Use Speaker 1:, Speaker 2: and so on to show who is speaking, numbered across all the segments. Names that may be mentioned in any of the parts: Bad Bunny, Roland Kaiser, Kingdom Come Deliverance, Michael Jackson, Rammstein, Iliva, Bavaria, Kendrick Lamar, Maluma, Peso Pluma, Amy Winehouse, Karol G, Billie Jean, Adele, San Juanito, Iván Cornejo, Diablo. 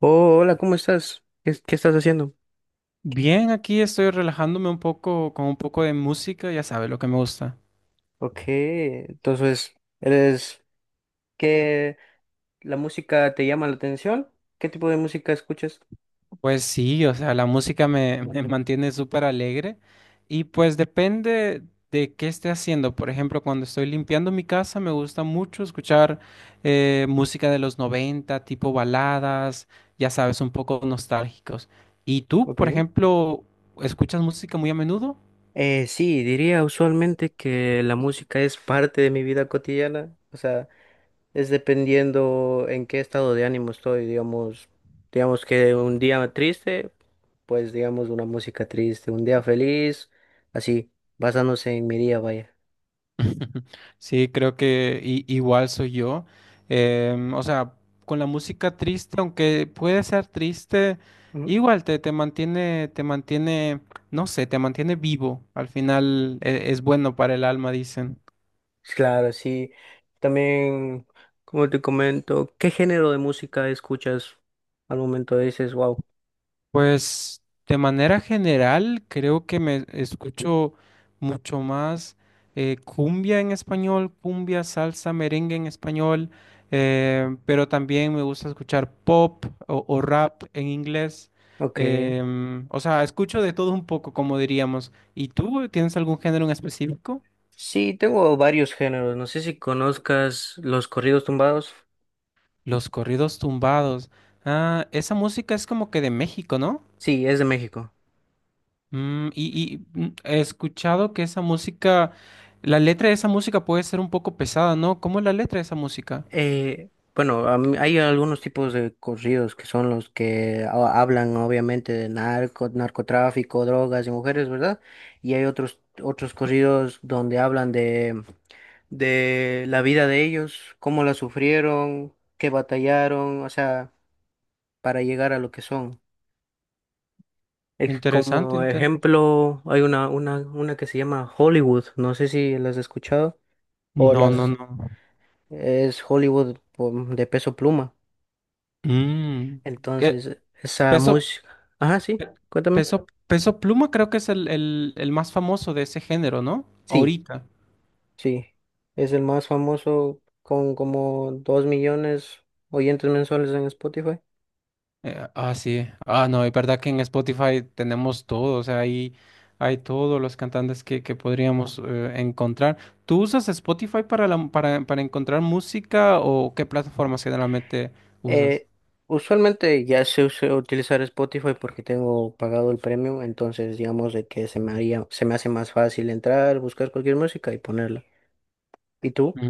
Speaker 1: Oh, hola, ¿cómo estás? ¿Qué estás haciendo? ¿Qué?
Speaker 2: Bien, aquí estoy relajándome un poco con un poco de música, ya sabes lo que me gusta.
Speaker 1: Ok, entonces, ¿eres que la música te llama la atención? ¿Qué tipo de música escuchas?
Speaker 2: Pues sí, o sea, la música me mantiene súper alegre y pues depende de qué esté haciendo. Por ejemplo, cuando estoy limpiando mi casa me gusta mucho escuchar música de los 90, tipo baladas, ya sabes, un poco nostálgicos. ¿Y tú,
Speaker 1: Ok.
Speaker 2: por ejemplo, escuchas música muy a menudo?
Speaker 1: Sí, diría usualmente que la música es parte de mi vida cotidiana, o sea, es dependiendo en qué estado de ánimo estoy, digamos que un día triste, pues digamos una música triste, un día feliz, así, basándose en mi día, vaya.
Speaker 2: Sí, creo que igual soy yo. O sea, con la música triste, aunque puede ser triste, igual te mantiene, no sé, te mantiene vivo. Al final es bueno para el alma, dicen.
Speaker 1: Claro, sí. También, como te comento, ¿qué género de música escuchas al momento dices, wow?
Speaker 2: Pues de manera general creo que me escucho mucho más cumbia en español, cumbia, salsa, merengue en español, pero también me gusta escuchar pop o rap en inglés.
Speaker 1: Ok.
Speaker 2: O sea, escucho de todo un poco, como diríamos. ¿Y tú tienes algún género en específico?
Speaker 1: Sí, tengo varios géneros. No sé si conozcas los corridos tumbados.
Speaker 2: Los corridos tumbados. Ah, esa música es como que de México, ¿no?
Speaker 1: Sí, es de México.
Speaker 2: He escuchado que esa música, la letra de esa música puede ser un poco pesada, ¿no? ¿Cómo es la letra de esa música?
Speaker 1: Eh, bueno, hay algunos tipos de corridos que son los que hablan obviamente de narco, narcotráfico, drogas y mujeres, ¿verdad? Y hay otros corridos donde hablan de la vida de ellos, cómo la sufrieron, qué batallaron, o sea, para llegar a lo que son.
Speaker 2: Interesante,
Speaker 1: Como ejemplo, hay una que se llama Hollywood, no sé si las has escuchado, o
Speaker 2: no, no,
Speaker 1: las
Speaker 2: no.
Speaker 1: es Hollywood de Peso Pluma.
Speaker 2: Mm, que
Speaker 1: Entonces, esa
Speaker 2: peso,
Speaker 1: música, ajá, sí,
Speaker 2: pe-
Speaker 1: cuéntame.
Speaker 2: peso, peso Pluma creo que es el más famoso de ese género, ¿no?
Speaker 1: Sí,
Speaker 2: Ahorita.
Speaker 1: sí, es el más famoso con como 2 millones oyentes mensuales en Spotify.
Speaker 2: Ah, sí. Ah, no, es verdad que en Spotify tenemos todo, o sea, ahí hay todos los cantantes que podríamos encontrar. ¿Tú usas Spotify para encontrar música o qué plataformas generalmente usas?
Speaker 1: Eh, Usualmente ya sé utilizar Spotify porque tengo pagado el premium, entonces digamos de que se me haría, se me hace más fácil entrar, buscar cualquier música y ponerla. ¿Y tú?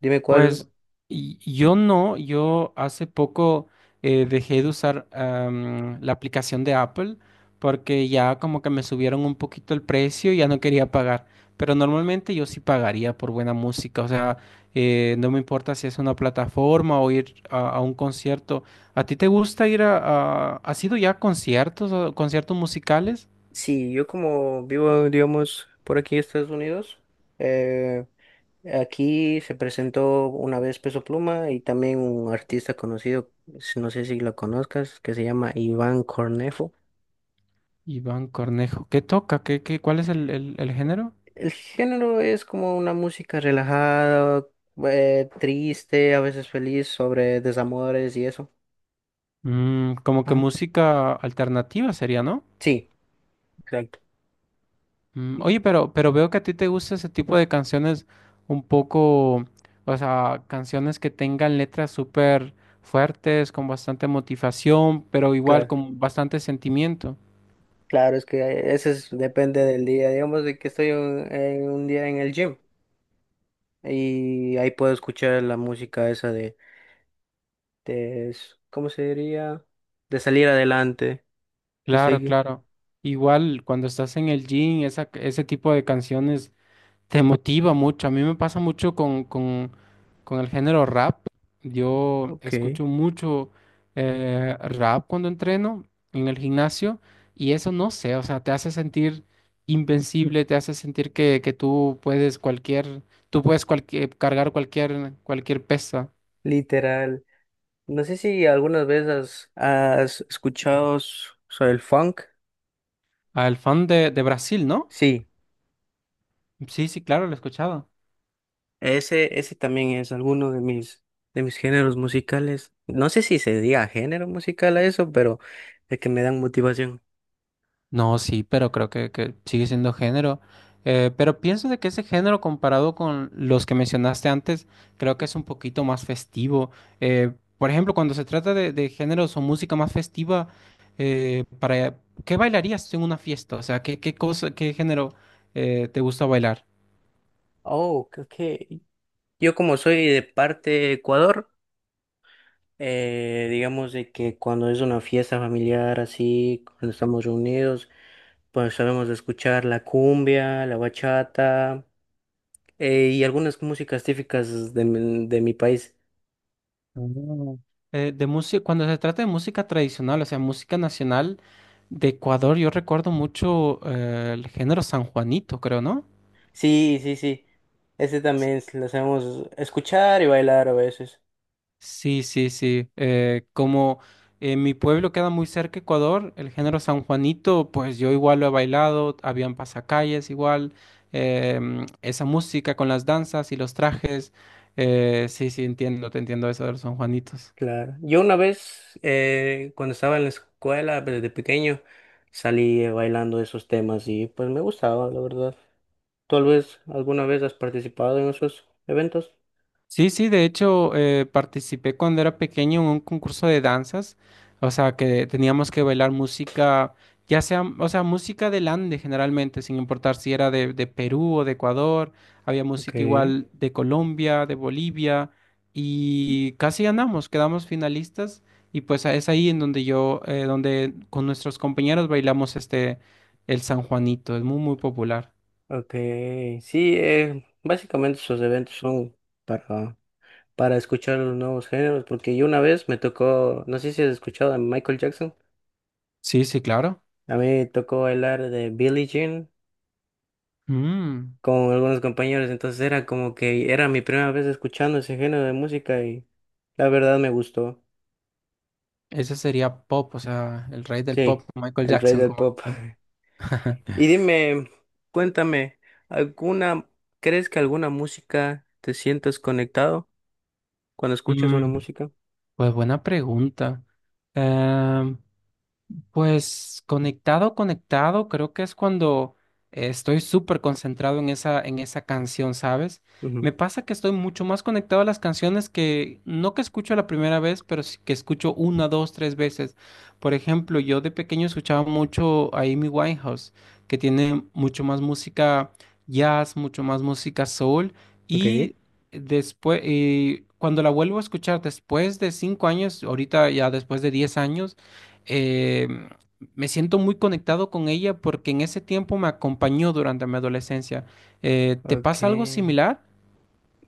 Speaker 1: Dime cuál.
Speaker 2: Pues yo no, yo hace poco dejé de usar la aplicación de Apple porque ya como que me subieron un poquito el precio y ya no quería pagar. Pero normalmente yo sí pagaría por buena música, o sea, no me importa si es una plataforma o ir a un concierto. ¿A ti te gusta ir a, ¿Has ido ya a conciertos o conciertos musicales?
Speaker 1: Sí, yo como vivo, digamos, por aquí en Estados Unidos, eh, aquí se presentó una vez Peso Pluma y también un artista conocido, no sé si lo conozcas, que se llama Iván Cornejo.
Speaker 2: Iván Cornejo, ¿qué toca? ¿Cuál es el género?
Speaker 1: El género es como una música relajada, triste, a veces feliz, sobre desamores y eso.
Speaker 2: Como que
Speaker 1: Ajá.
Speaker 2: música alternativa sería, ¿no?
Speaker 1: Sí, exacto. Sí,
Speaker 2: Oye, pero veo que a ti te gusta ese tipo de canciones un poco, o sea, canciones que tengan letras súper fuertes, con bastante motivación, pero igual
Speaker 1: claro.
Speaker 2: con bastante sentimiento.
Speaker 1: Claro, es que eso depende del día. Digamos de que estoy en un día en el gym y ahí puedo escuchar la música esa ¿cómo se diría? De salir adelante, de
Speaker 2: Claro,
Speaker 1: seguir.
Speaker 2: claro. Igual cuando estás en el gym, ese tipo de canciones te motiva mucho. A mí me pasa mucho con el género rap. Yo
Speaker 1: Ok,
Speaker 2: escucho mucho rap cuando entreno en el gimnasio y eso no sé, o sea, te hace sentir invencible, te hace sentir que cargar cualquier pesa.
Speaker 1: literal. No sé si algunas veces has escuchado sobre el funk.
Speaker 2: Al fan de Brasil, ¿no?
Speaker 1: Sí.
Speaker 2: Sí, sí, claro, lo he escuchado.
Speaker 1: Ese también es alguno de mis géneros musicales. No sé si se diga género musical a eso, pero de que me dan motivación.
Speaker 2: No, sí, pero creo que sigue siendo género. Pero pienso de que ese género comparado con los que mencionaste antes, creo que es un poquito más festivo. Por ejemplo, cuando se trata de géneros o música más festiva, eh, para, ¿qué bailarías en una fiesta? O sea, ¿qué cosa, qué género te gusta bailar?
Speaker 1: Oh, creo que yo como soy de parte de Ecuador, digamos de que cuando es una fiesta familiar así, cuando estamos reunidos, pues sabemos de escuchar la cumbia, la bachata, y algunas músicas típicas de mi país.
Speaker 2: Mm. De música, cuando se trata de música tradicional, o sea, música nacional de Ecuador, yo recuerdo mucho el género San Juanito, creo, ¿no?
Speaker 1: Sí, sí, sí. Ese también lo sabemos escuchar y bailar a veces.
Speaker 2: Sí, sí, sí. Como en mi pueblo queda muy cerca Ecuador, el género San Juanito, pues yo igual lo he bailado, habían pasacalles igual, esa música con las danzas y los trajes. Sí, sí, te entiendo eso de los San Juanitos.
Speaker 1: Claro. Yo una vez, cuando estaba en la escuela, desde pequeño, salí bailando esos temas y pues me gustaba, la verdad. Tal vez alguna vez has participado en esos eventos.
Speaker 2: Sí, sí, de hecho participé cuando era pequeño en un concurso de danzas, o sea que teníamos que bailar música, ya sea, o sea, música del Ande generalmente, sin importar si era de Perú o de Ecuador, había música
Speaker 1: Okay.
Speaker 2: igual de Colombia, de Bolivia, y casi ganamos, quedamos finalistas, y pues es ahí en donde donde con nuestros compañeros bailamos este, el San Juanito, es muy, muy popular.
Speaker 1: Okay. Sí, básicamente esos eventos son para, para escuchar los nuevos géneros, porque yo una vez me tocó, no sé si has escuchado a Michael Jackson,
Speaker 2: Sí, sí, claro.
Speaker 1: a mí me tocó bailar de Billie Jean
Speaker 2: Mm.
Speaker 1: con algunos compañeros, entonces era como que era mi primera vez escuchando ese género de música y la verdad me gustó.
Speaker 2: Ese sería pop, o sea, el rey del pop,
Speaker 1: Sí,
Speaker 2: Michael
Speaker 1: el rey
Speaker 2: Jackson,
Speaker 1: del
Speaker 2: como
Speaker 1: pop.
Speaker 2: dicen.
Speaker 1: Y dime, cuéntame, ¿alguna, crees que alguna música te sientas conectado cuando escuchas una
Speaker 2: Mm,
Speaker 1: música?
Speaker 2: pues buena pregunta. Em, Pues conectado, conectado, creo que es cuando estoy súper concentrado en esa canción, ¿sabes?
Speaker 1: Ujú.
Speaker 2: Me pasa que estoy mucho más conectado a las canciones que no que escucho la primera vez, pero sí que escucho una, dos, tres veces. Por ejemplo, yo de pequeño escuchaba mucho a Amy Winehouse, que tiene mucho más música jazz, mucho más música soul,
Speaker 1: Ok.
Speaker 2: y después, cuando la vuelvo a escuchar después de 5 años, ahorita ya después de 10 años, eh, me siento muy conectado con ella porque en ese tiempo me acompañó durante mi adolescencia. ¿Te
Speaker 1: Ok.
Speaker 2: pasa algo similar?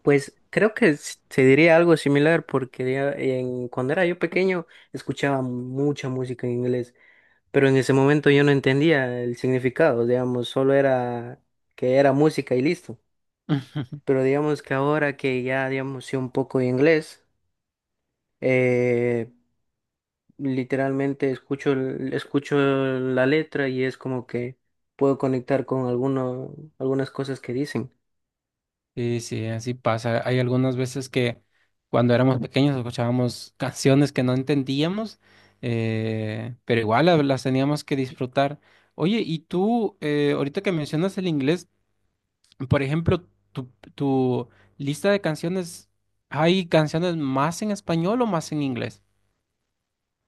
Speaker 1: Pues creo que se diría algo similar porque ya cuando era yo pequeño escuchaba mucha música en inglés. Pero en ese momento yo no entendía el significado, digamos, solo era que era música y listo.
Speaker 2: Ujú.
Speaker 1: Pero digamos que ahora que ya, digamos, sé un poco de inglés, eh, literalmente escucho, escucho la letra y es como que puedo conectar con algunas cosas que dicen.
Speaker 2: Sí, sí, así pasa. Hay algunas veces que cuando éramos pequeños escuchábamos canciones que no entendíamos, pero igual las teníamos que disfrutar. Oye, y tú, ahorita que mencionas el inglés, por ejemplo, tu, tu lista de canciones, ¿hay canciones más en español o más en inglés?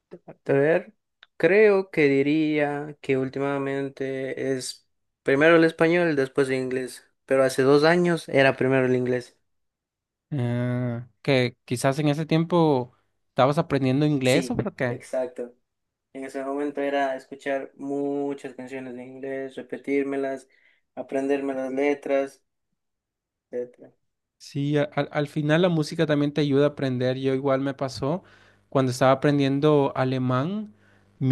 Speaker 1: A ver, creo que diría que últimamente es primero el español, después el inglés, pero hace 2 años era primero el inglés.
Speaker 2: Ah, que quizás en ese tiempo estabas aprendiendo inglés o
Speaker 1: Sí,
Speaker 2: por qué.
Speaker 1: exacto. En ese momento era escuchar muchas canciones en inglés, repetírmelas, aprenderme las letras, etcétera.
Speaker 2: Sí, al final la música también te ayuda a aprender. Yo igual me pasó cuando estaba aprendiendo alemán,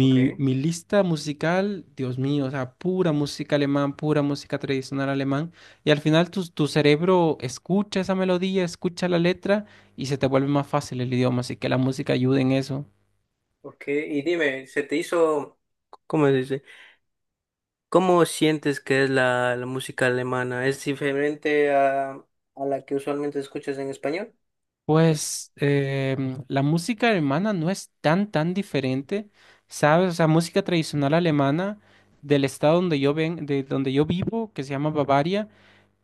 Speaker 1: Ok,
Speaker 2: mi lista musical, Dios mío, o sea, pura música alemán, pura música tradicional alemán. Y al final tu cerebro escucha esa melodía, escucha la letra y se te vuelve más fácil el idioma. Así que la música ayuda en eso.
Speaker 1: ok. Y dime, ¿se te hizo, cómo se dice? ¿Cómo sientes que es la música alemana? ¿Es diferente a la que usualmente escuchas en español? Pues,
Speaker 2: Pues la música alemana no es tan, tan diferente, ¿sabes? O sea, música tradicional alemana del estado de donde yo vivo, que se llama Bavaria,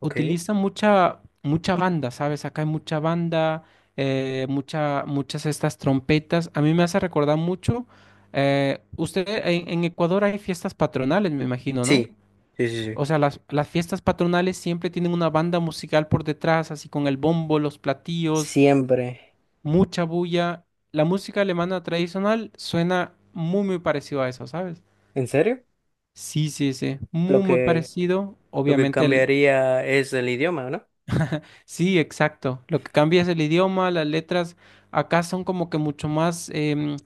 Speaker 1: ok.
Speaker 2: utiliza mucha banda, ¿sabes? Acá hay mucha banda, muchas estas trompetas. A mí me hace recordar mucho. Usted en Ecuador hay fiestas patronales, me imagino, ¿no?
Speaker 1: Sí, sí, sí, sí.
Speaker 2: O sea, las fiestas patronales siempre tienen una banda musical por detrás, así con el bombo, los platillos
Speaker 1: Siempre.
Speaker 2: mucha bulla. La música alemana tradicional suena muy, muy parecido a eso, ¿sabes?
Speaker 1: ¿En serio?
Speaker 2: Sí, sí, sí,
Speaker 1: Lo
Speaker 2: muy, muy
Speaker 1: que,
Speaker 2: parecido.
Speaker 1: lo que
Speaker 2: Obviamente.
Speaker 1: cambiaría es el idioma, ¿no?
Speaker 2: Sí, exacto. Lo que cambia es el idioma, las letras. Acá son como que mucho más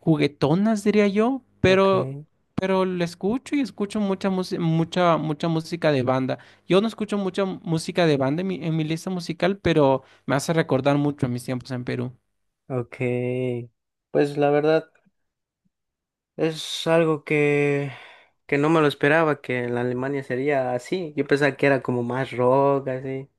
Speaker 2: juguetonas, diría yo,
Speaker 1: Ok,
Speaker 2: pero, lo escucho y escucho mucha música de banda. Yo no escucho mucha música de banda en mi lista musical, pero me hace recordar mucho a mis tiempos en Perú.
Speaker 1: ok. Pues la verdad. Es algo que no me lo esperaba, que en la Alemania sería así. Yo pensaba que era como más rock, así.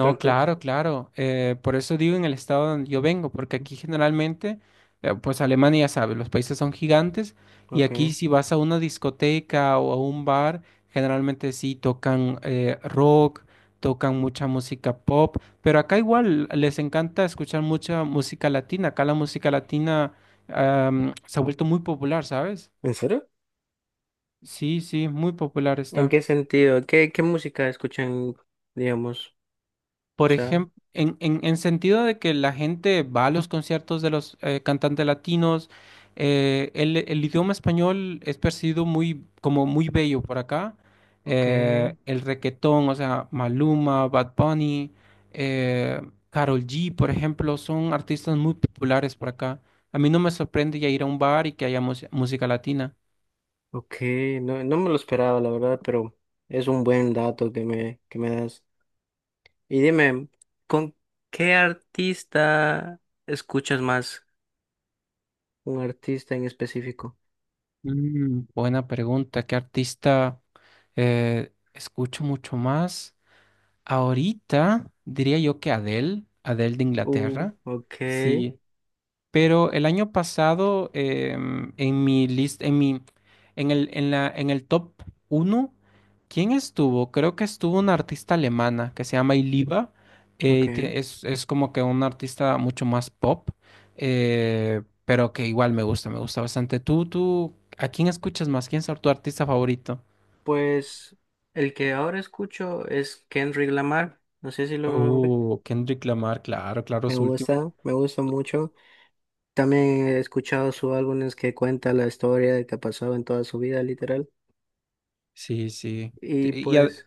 Speaker 1: Pero que...
Speaker 2: claro, claro. Por eso digo en el estado donde yo vengo, porque aquí generalmente, pues Alemania ya sabe, los países son gigantes y aquí
Speaker 1: Ok.
Speaker 2: si vas a una discoteca o a un bar, generalmente sí tocan rock, tocan mucha música pop, pero acá igual les encanta escuchar mucha música latina. Acá la música latina se ha vuelto muy popular, ¿sabes?
Speaker 1: ¿En serio?
Speaker 2: Sí, sí, muy popular
Speaker 1: ¿En
Speaker 2: está.
Speaker 1: qué sentido? ¿Qué música escuchan, digamos? O
Speaker 2: Por
Speaker 1: sea,
Speaker 2: ejemplo, en sentido de que la gente va a los conciertos de los cantantes latinos, el idioma español es percibido muy, como muy bello por acá.
Speaker 1: ok,
Speaker 2: El requetón, o sea, Maluma, Bad Bunny, eh, Karol G, por ejemplo, son artistas muy populares por acá. A mí no me sorprende ya ir a un bar y que haya música latina.
Speaker 1: ok. No, no me lo esperaba, la verdad, pero es un buen dato que me das. Y dime, ¿con qué artista escuchas más? ¿Un artista en específico?
Speaker 2: Buena pregunta. ¿Qué artista escucho mucho más? Ahorita diría yo que Adele, Adele de Inglaterra,
Speaker 1: Ok,
Speaker 2: sí, pero el año pasado em, en mi list, en mi, en el top uno, ¿quién estuvo? Creo que estuvo una artista alemana que se llama Iliva, eh,
Speaker 1: ok.
Speaker 2: tie- es, es como que una artista mucho más pop, pero que igual me gusta bastante. ¿Tú, a quién escuchas más? ¿Quién es tu artista favorito?
Speaker 1: Pues el que ahora escucho es Kendrick Lamar, no sé si lo ubico.
Speaker 2: Oh, Kendrick Lamar, claro, claro, su último.
Speaker 1: Me gusta mucho. También he escuchado sus álbumes que cuenta la historia de que ha pasado en toda su vida, literal.
Speaker 2: Sí, sí. Te-
Speaker 1: Y
Speaker 2: Y a-
Speaker 1: pues,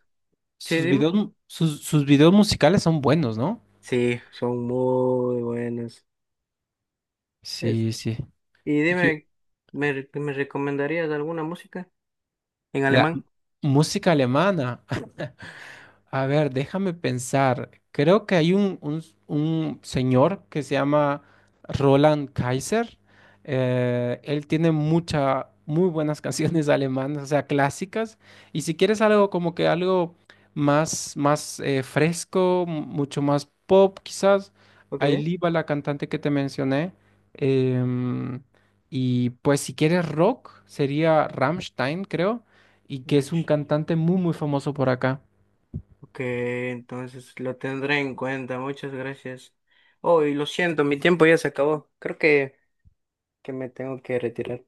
Speaker 1: sí,
Speaker 2: sus
Speaker 1: dime.
Speaker 2: videos, sus videos musicales son buenos, ¿no?
Speaker 1: Sí, son muy buenos. Es-
Speaker 2: Sí, sí.
Speaker 1: y dime, me recomendarías alguna música en
Speaker 2: La
Speaker 1: alemán?
Speaker 2: música alemana. A ver, déjame pensar. Creo que hay un, un señor que se llama Roland Kaiser. Él tiene muy buenas canciones alemanas, o sea, clásicas. Y si quieres algo como que algo más fresco, mucho más pop, quizás,
Speaker 1: Ok.
Speaker 2: Ailiva, la cantante que te mencioné. Em, y pues si quieres rock, sería Rammstein, creo y que es un
Speaker 1: Nice.
Speaker 2: cantante muy, muy famoso por acá.
Speaker 1: Ok, entonces lo tendré en cuenta, muchas gracias. Oh, y lo siento, mi tiempo ya se acabó. Creo que me tengo que retirar.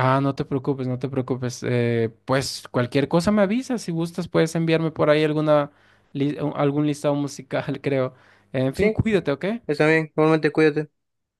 Speaker 2: Ah, no te preocupes, no te preocupes. Pues cualquier cosa me avisas. Si gustas, puedes enviarme por ahí algún listado musical, creo. En fin,
Speaker 1: Sí,
Speaker 2: cuídate, ¿ok?
Speaker 1: está bien, igualmente cuídate.